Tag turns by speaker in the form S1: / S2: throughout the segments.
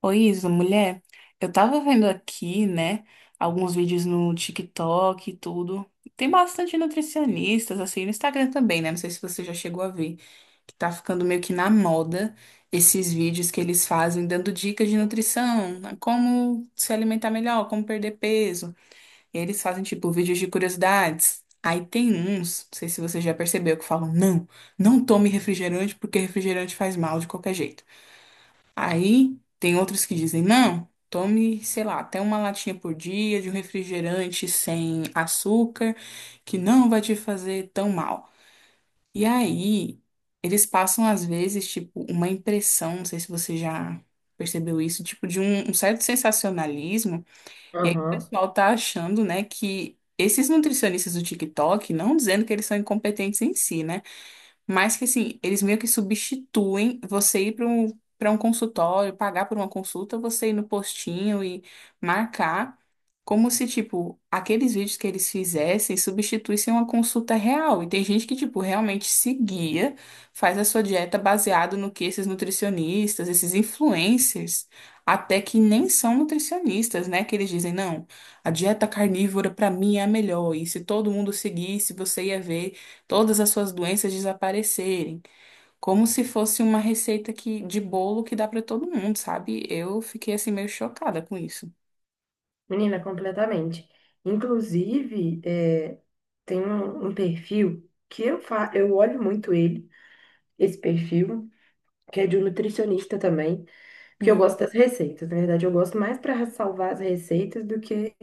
S1: Oi, Isa, mulher, eu tava vendo aqui, né, alguns vídeos no TikTok e tudo. Tem bastante nutricionistas, assim, no Instagram também, né? Não sei se você já chegou a ver, que tá ficando meio que na moda esses vídeos que eles fazem dando dicas de nutrição, né, como se alimentar melhor, como perder peso. E aí eles fazem, tipo, vídeos de curiosidades. Aí tem uns, não sei se você já percebeu, que falam, não, não tome refrigerante porque refrigerante faz mal de qualquer jeito. Aí tem outros que dizem, não, tome, sei lá, até uma latinha por dia de um refrigerante sem açúcar, que não vai te fazer tão mal. E aí, eles passam, às vezes, tipo, uma impressão, não sei se você já percebeu isso, tipo, de um certo sensacionalismo. E aí o
S2: Aham.
S1: pessoal tá achando, né, que esses nutricionistas do TikTok, não dizendo que eles são incompetentes em si, né? Mas que assim, eles meio que substituem você ir para um consultório, pagar por uma consulta, você ir no postinho e marcar, como se, tipo, aqueles vídeos que eles fizessem substituíssem uma consulta real. E tem gente que, tipo, realmente se guia, faz a sua dieta baseado no que esses nutricionistas, esses influencers, até que nem são nutricionistas, né? Que eles dizem, não, a dieta carnívora para mim é a melhor, e se todo mundo seguisse, você ia ver todas as suas doenças desaparecerem, como se fosse uma receita que, de bolo que dá para todo mundo, sabe? Eu fiquei assim meio chocada com isso.
S2: Menina, completamente. Inclusive, tem um perfil que eu olho muito ele, esse perfil, que é de um nutricionista também, porque eu
S1: Hum,
S2: gosto das receitas. Na verdade, eu gosto mais para salvar as receitas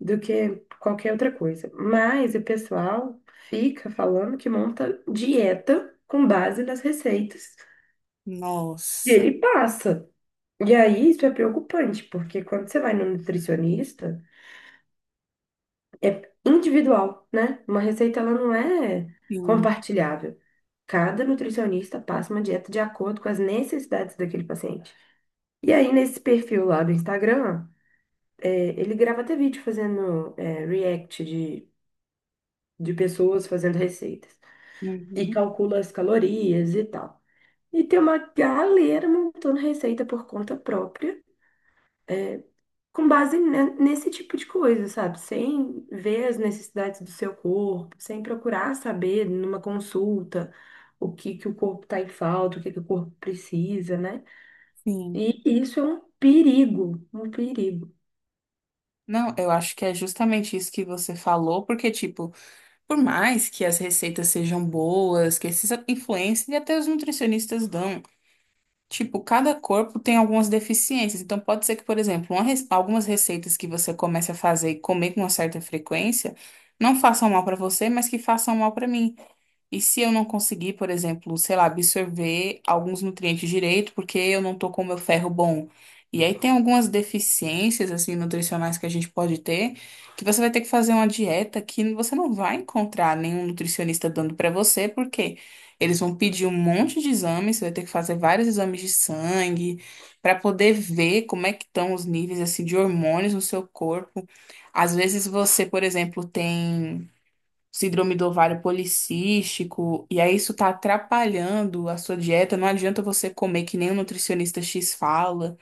S2: do que qualquer outra coisa. Mas o pessoal fica falando que monta dieta com base nas receitas e
S1: nossa,
S2: ele passa. E aí, isso é preocupante, porque quando você vai no nutricionista. É individual, né? Uma receita ela não é
S1: sim,
S2: compartilhável. Cada nutricionista passa uma dieta de acordo com as necessidades daquele paciente. E aí, nesse perfil lá do Instagram, ele grava até vídeo fazendo react de pessoas fazendo receitas. E
S1: uhum,
S2: calcula as calorias e tal. E tem uma galera montando receita por conta própria com base nesse tipo de coisa, sabe? Sem ver as necessidades do seu corpo, sem procurar saber numa consulta o que que o corpo tá em falta, o que que o corpo precisa, né?
S1: sim.
S2: E isso é um perigo, um perigo.
S1: Não, eu acho que é justamente isso que você falou, porque, tipo, por mais que as receitas sejam boas, que esses influencers e até os nutricionistas dão. Tipo, cada corpo tem algumas deficiências. Então, pode ser que, por exemplo, algumas receitas que você comece a fazer e comer com uma certa frequência não façam mal para você, mas que façam mal para mim. E se eu não conseguir, por exemplo, sei lá, absorver alguns nutrientes direito, porque eu não tô com o meu ferro bom. E aí tem algumas deficiências, assim, nutricionais que a gente pode ter, que você vai ter que fazer uma dieta que você não vai encontrar nenhum nutricionista dando pra você, porque eles vão pedir um monte de exames, você vai ter que fazer vários exames de sangue, pra poder ver como é que estão os níveis, assim, de hormônios no seu corpo. Às vezes você, por exemplo, tem síndrome do ovário policístico, e aí isso tá atrapalhando a sua dieta, não adianta você comer que nem o nutricionista X fala.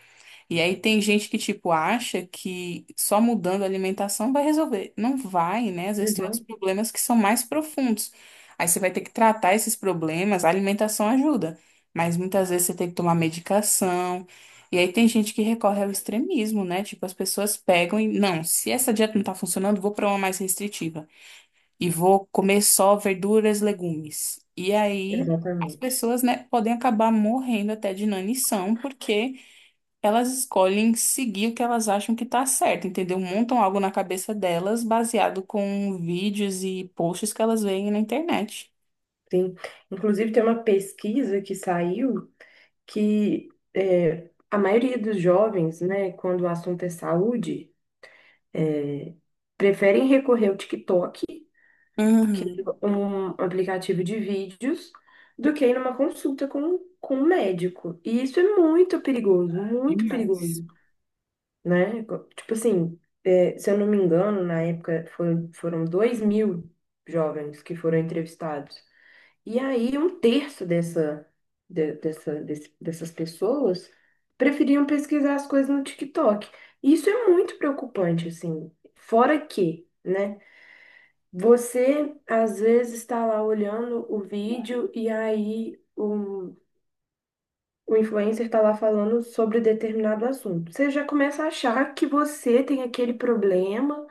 S1: E aí tem gente que, tipo, acha que só mudando a alimentação vai resolver. Não vai, né? Às vezes tem outros
S2: Uhum,
S1: problemas que são mais profundos. Aí você vai ter que tratar esses problemas, a alimentação ajuda, mas muitas vezes você tem que tomar medicação. E aí tem gente que recorre ao extremismo, né? Tipo, as pessoas pegam e, não, se essa dieta não tá funcionando, vou pra uma mais restritiva e vou comer só verduras, legumes. E aí as
S2: exatamente.
S1: pessoas, né, podem acabar morrendo até de inanição porque elas escolhem seguir o que elas acham que tá certo, entendeu? Montam algo na cabeça delas baseado com vídeos e posts que elas veem na internet.
S2: Sim. Inclusive, tem uma pesquisa que saiu que a maioria dos jovens, né, quando o assunto é saúde, preferem recorrer ao TikTok, que
S1: Uhum,
S2: um aplicativo de vídeos, do que ir numa consulta com um médico. E isso é muito
S1: demais.
S2: perigoso, né? Tipo assim, se eu não me engano, na época foram 2000 jovens que foram entrevistados. E aí, um terço dessas pessoas preferiam pesquisar as coisas no TikTok. Isso é muito preocupante, assim. Fora que, né? Você às vezes está lá olhando o vídeo e aí o influencer está lá falando sobre determinado assunto. Você já começa a achar que você tem aquele problema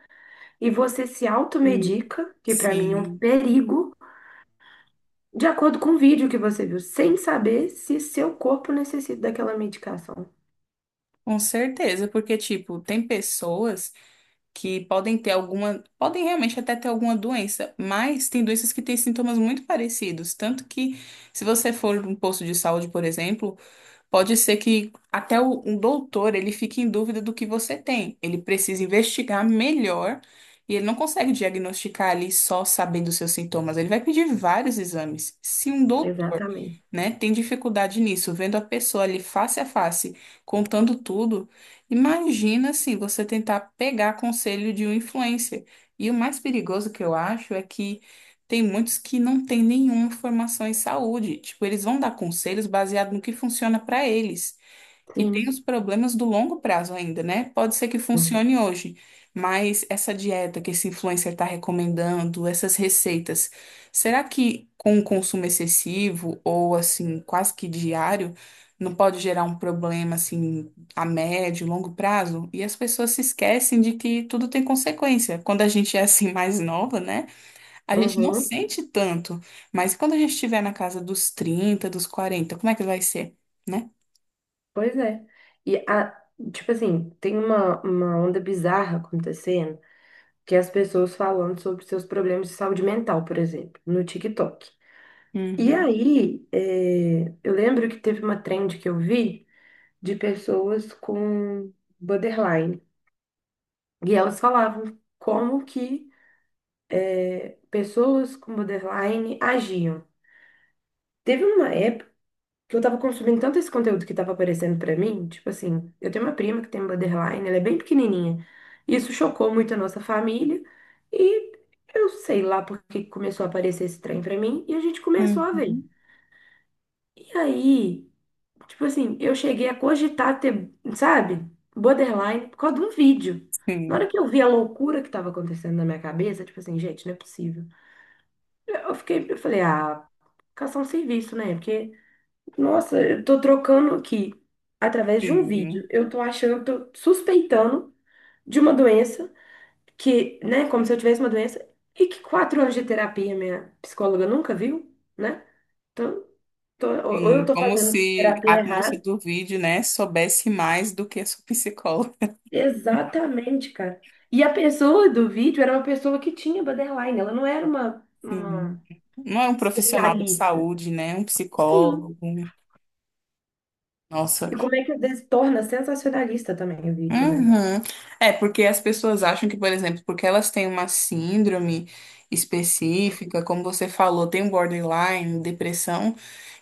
S2: e você se
S1: Hum.
S2: automedica, que para mim é um
S1: Sim,
S2: perigo, de acordo com o vídeo que você viu, sem saber se seu corpo necessita daquela medicação.
S1: com certeza, porque, tipo, tem pessoas. Que podem ter alguma, podem realmente até ter alguma doença, mas tem doenças que têm sintomas muito parecidos, tanto que se você for num posto de saúde, por exemplo, pode ser que até o, um doutor ele fique em dúvida do que você tem. Ele precisa investigar melhor e ele não consegue diagnosticar ali só sabendo os seus sintomas. Ele vai pedir vários exames. Se um
S2: Exatamente.
S1: né, tem dificuldade nisso, vendo a pessoa ali face a face, contando tudo, imagina assim, você tentar pegar conselho de um influencer. E o mais perigoso que eu acho é que tem muitos que não têm nenhuma formação em saúde, tipo, eles vão dar conselhos baseado no que funciona para eles. E tem
S2: Sim.
S1: os problemas do longo prazo ainda, né? Pode ser que funcione hoje, mas essa dieta que esse influencer está recomendando, essas receitas, será que com o consumo excessivo ou assim, quase que diário, não pode gerar um problema assim a médio, longo prazo? E as pessoas se esquecem de que tudo tem consequência. Quando a gente é assim mais nova, né? A gente não
S2: Uhum.
S1: sente tanto, mas quando a gente estiver na casa dos 30, dos 40, como é que vai ser, né?
S2: Pois é. E a- tipo assim, tem uma onda bizarra acontecendo que as pessoas falando sobre seus problemas de saúde mental, por exemplo, no TikTok. E
S1: Uhum.
S2: aí, eu lembro que teve uma trend que eu vi de pessoas com borderline. E elas falavam como que pessoas com borderline agiam. Teve uma que eu tava consumindo tanto esse conteúdo que tava aparecendo pra mim, tipo assim, eu tenho uma prima que tem um borderline, ela é bem pequenininha. Isso chocou muito a nossa família e eu sei lá porque começou a aparecer esse trem pra mim e a gente começou a ver.
S1: Uhum.
S2: E aí, tipo assim, eu cheguei a cogitar ter, sabe, borderline por causa de um vídeo. Na
S1: Sim,
S2: hora que eu vi a loucura que tava acontecendo na minha cabeça, tipo assim, gente, não é possível. Eu fiquei, eu falei, ah, caçar um serviço, né? Porque nossa, eu tô trocando aqui através de um vídeo.
S1: sim,
S2: Eu tô achando, tô suspeitando de uma doença que, né, como se eu tivesse uma doença e que 4 anos de terapia minha psicóloga nunca viu, né? Então, ou eu
S1: sim.
S2: tô
S1: Como
S2: fazendo
S1: se
S2: terapia
S1: a moça
S2: errada.
S1: do vídeo, né, soubesse mais do que a sua psicóloga.
S2: Exatamente, cara. E a pessoa do vídeo era uma pessoa que tinha borderline, ela não era
S1: Sim.
S2: uma
S1: Não é um profissional da
S2: especialista.
S1: saúde, né? Um
S2: Sim.
S1: psicólogo. Nossa.
S2: E como é que às vezes torna sensacionalista também o vídeo, né?
S1: Uhum. É, porque as pessoas acham que, por exemplo, porque elas têm uma síndrome específica, como você falou, tem um borderline, depressão.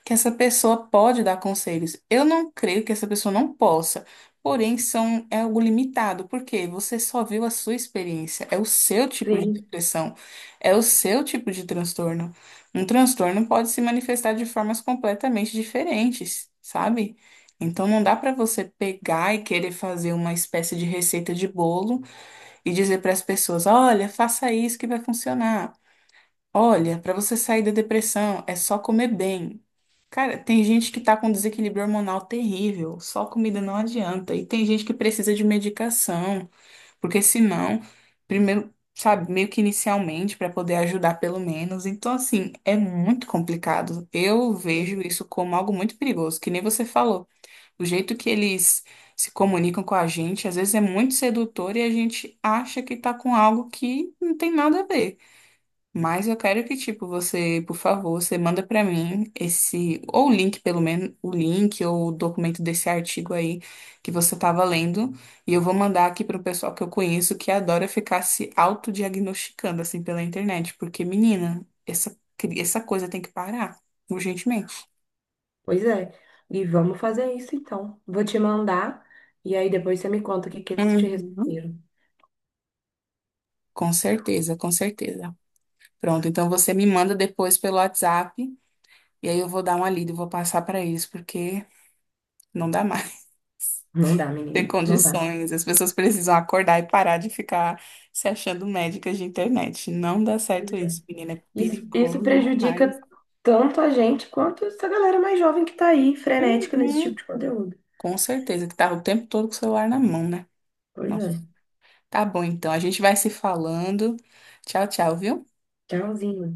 S1: Que essa pessoa pode dar conselhos. Eu não creio que essa pessoa não possa, porém são, é algo limitado, porque você só viu a sua experiência, é o seu tipo de
S2: Sim.
S1: depressão, é o seu tipo de transtorno. Um transtorno pode se manifestar de formas completamente diferentes, sabe? Então não dá para você pegar e querer fazer uma espécie de receita de bolo e dizer para as pessoas, olha, faça isso que vai funcionar. Olha, para você sair da depressão é só comer bem. Cara, tem gente que tá com desequilíbrio hormonal terrível, só comida não adianta. E tem gente que precisa de medicação, porque senão, primeiro, sabe, meio que inicialmente, para poder ajudar pelo menos. Então, assim, é muito complicado. Eu vejo isso como algo muito perigoso, que nem você falou. O jeito que eles se comunicam com a gente, às vezes é muito sedutor e a gente acha que tá com algo que não tem nada a ver. Mas eu quero que, tipo, você, por favor, você manda pra mim ou o link, pelo menos, o link ou o documento desse artigo aí que você tava lendo, e eu vou mandar aqui pro pessoal que eu conheço que adora ficar se autodiagnosticando, assim, pela internet, porque, menina, essa coisa tem que parar, urgentemente.
S2: Pois é. E vamos fazer isso então. Vou te mandar e aí depois você me conta o que que eles te
S1: Uhum.
S2: responderam.
S1: Com certeza, com certeza. Pronto, então você me manda depois pelo WhatsApp, e aí eu vou dar uma lida e vou passar pra eles, porque não dá mais.
S2: Não dá,
S1: ter
S2: menina. Não dá.
S1: condições. As pessoas precisam acordar e parar de ficar se achando médicas de internet. Não dá certo
S2: Pois é.
S1: isso, menina. É
S2: Isso
S1: perigoso
S2: prejudica
S1: demais.
S2: tanto a gente quanto essa galera mais jovem que tá aí, frenética nesse tipo
S1: Uhum.
S2: de conteúdo.
S1: Com certeza que tava o tempo todo com o celular na mão, né?
S2: Pois
S1: Nossa.
S2: é.
S1: Tá bom, então. A gente vai se falando. Tchau, tchau, viu?
S2: Tchauzinho.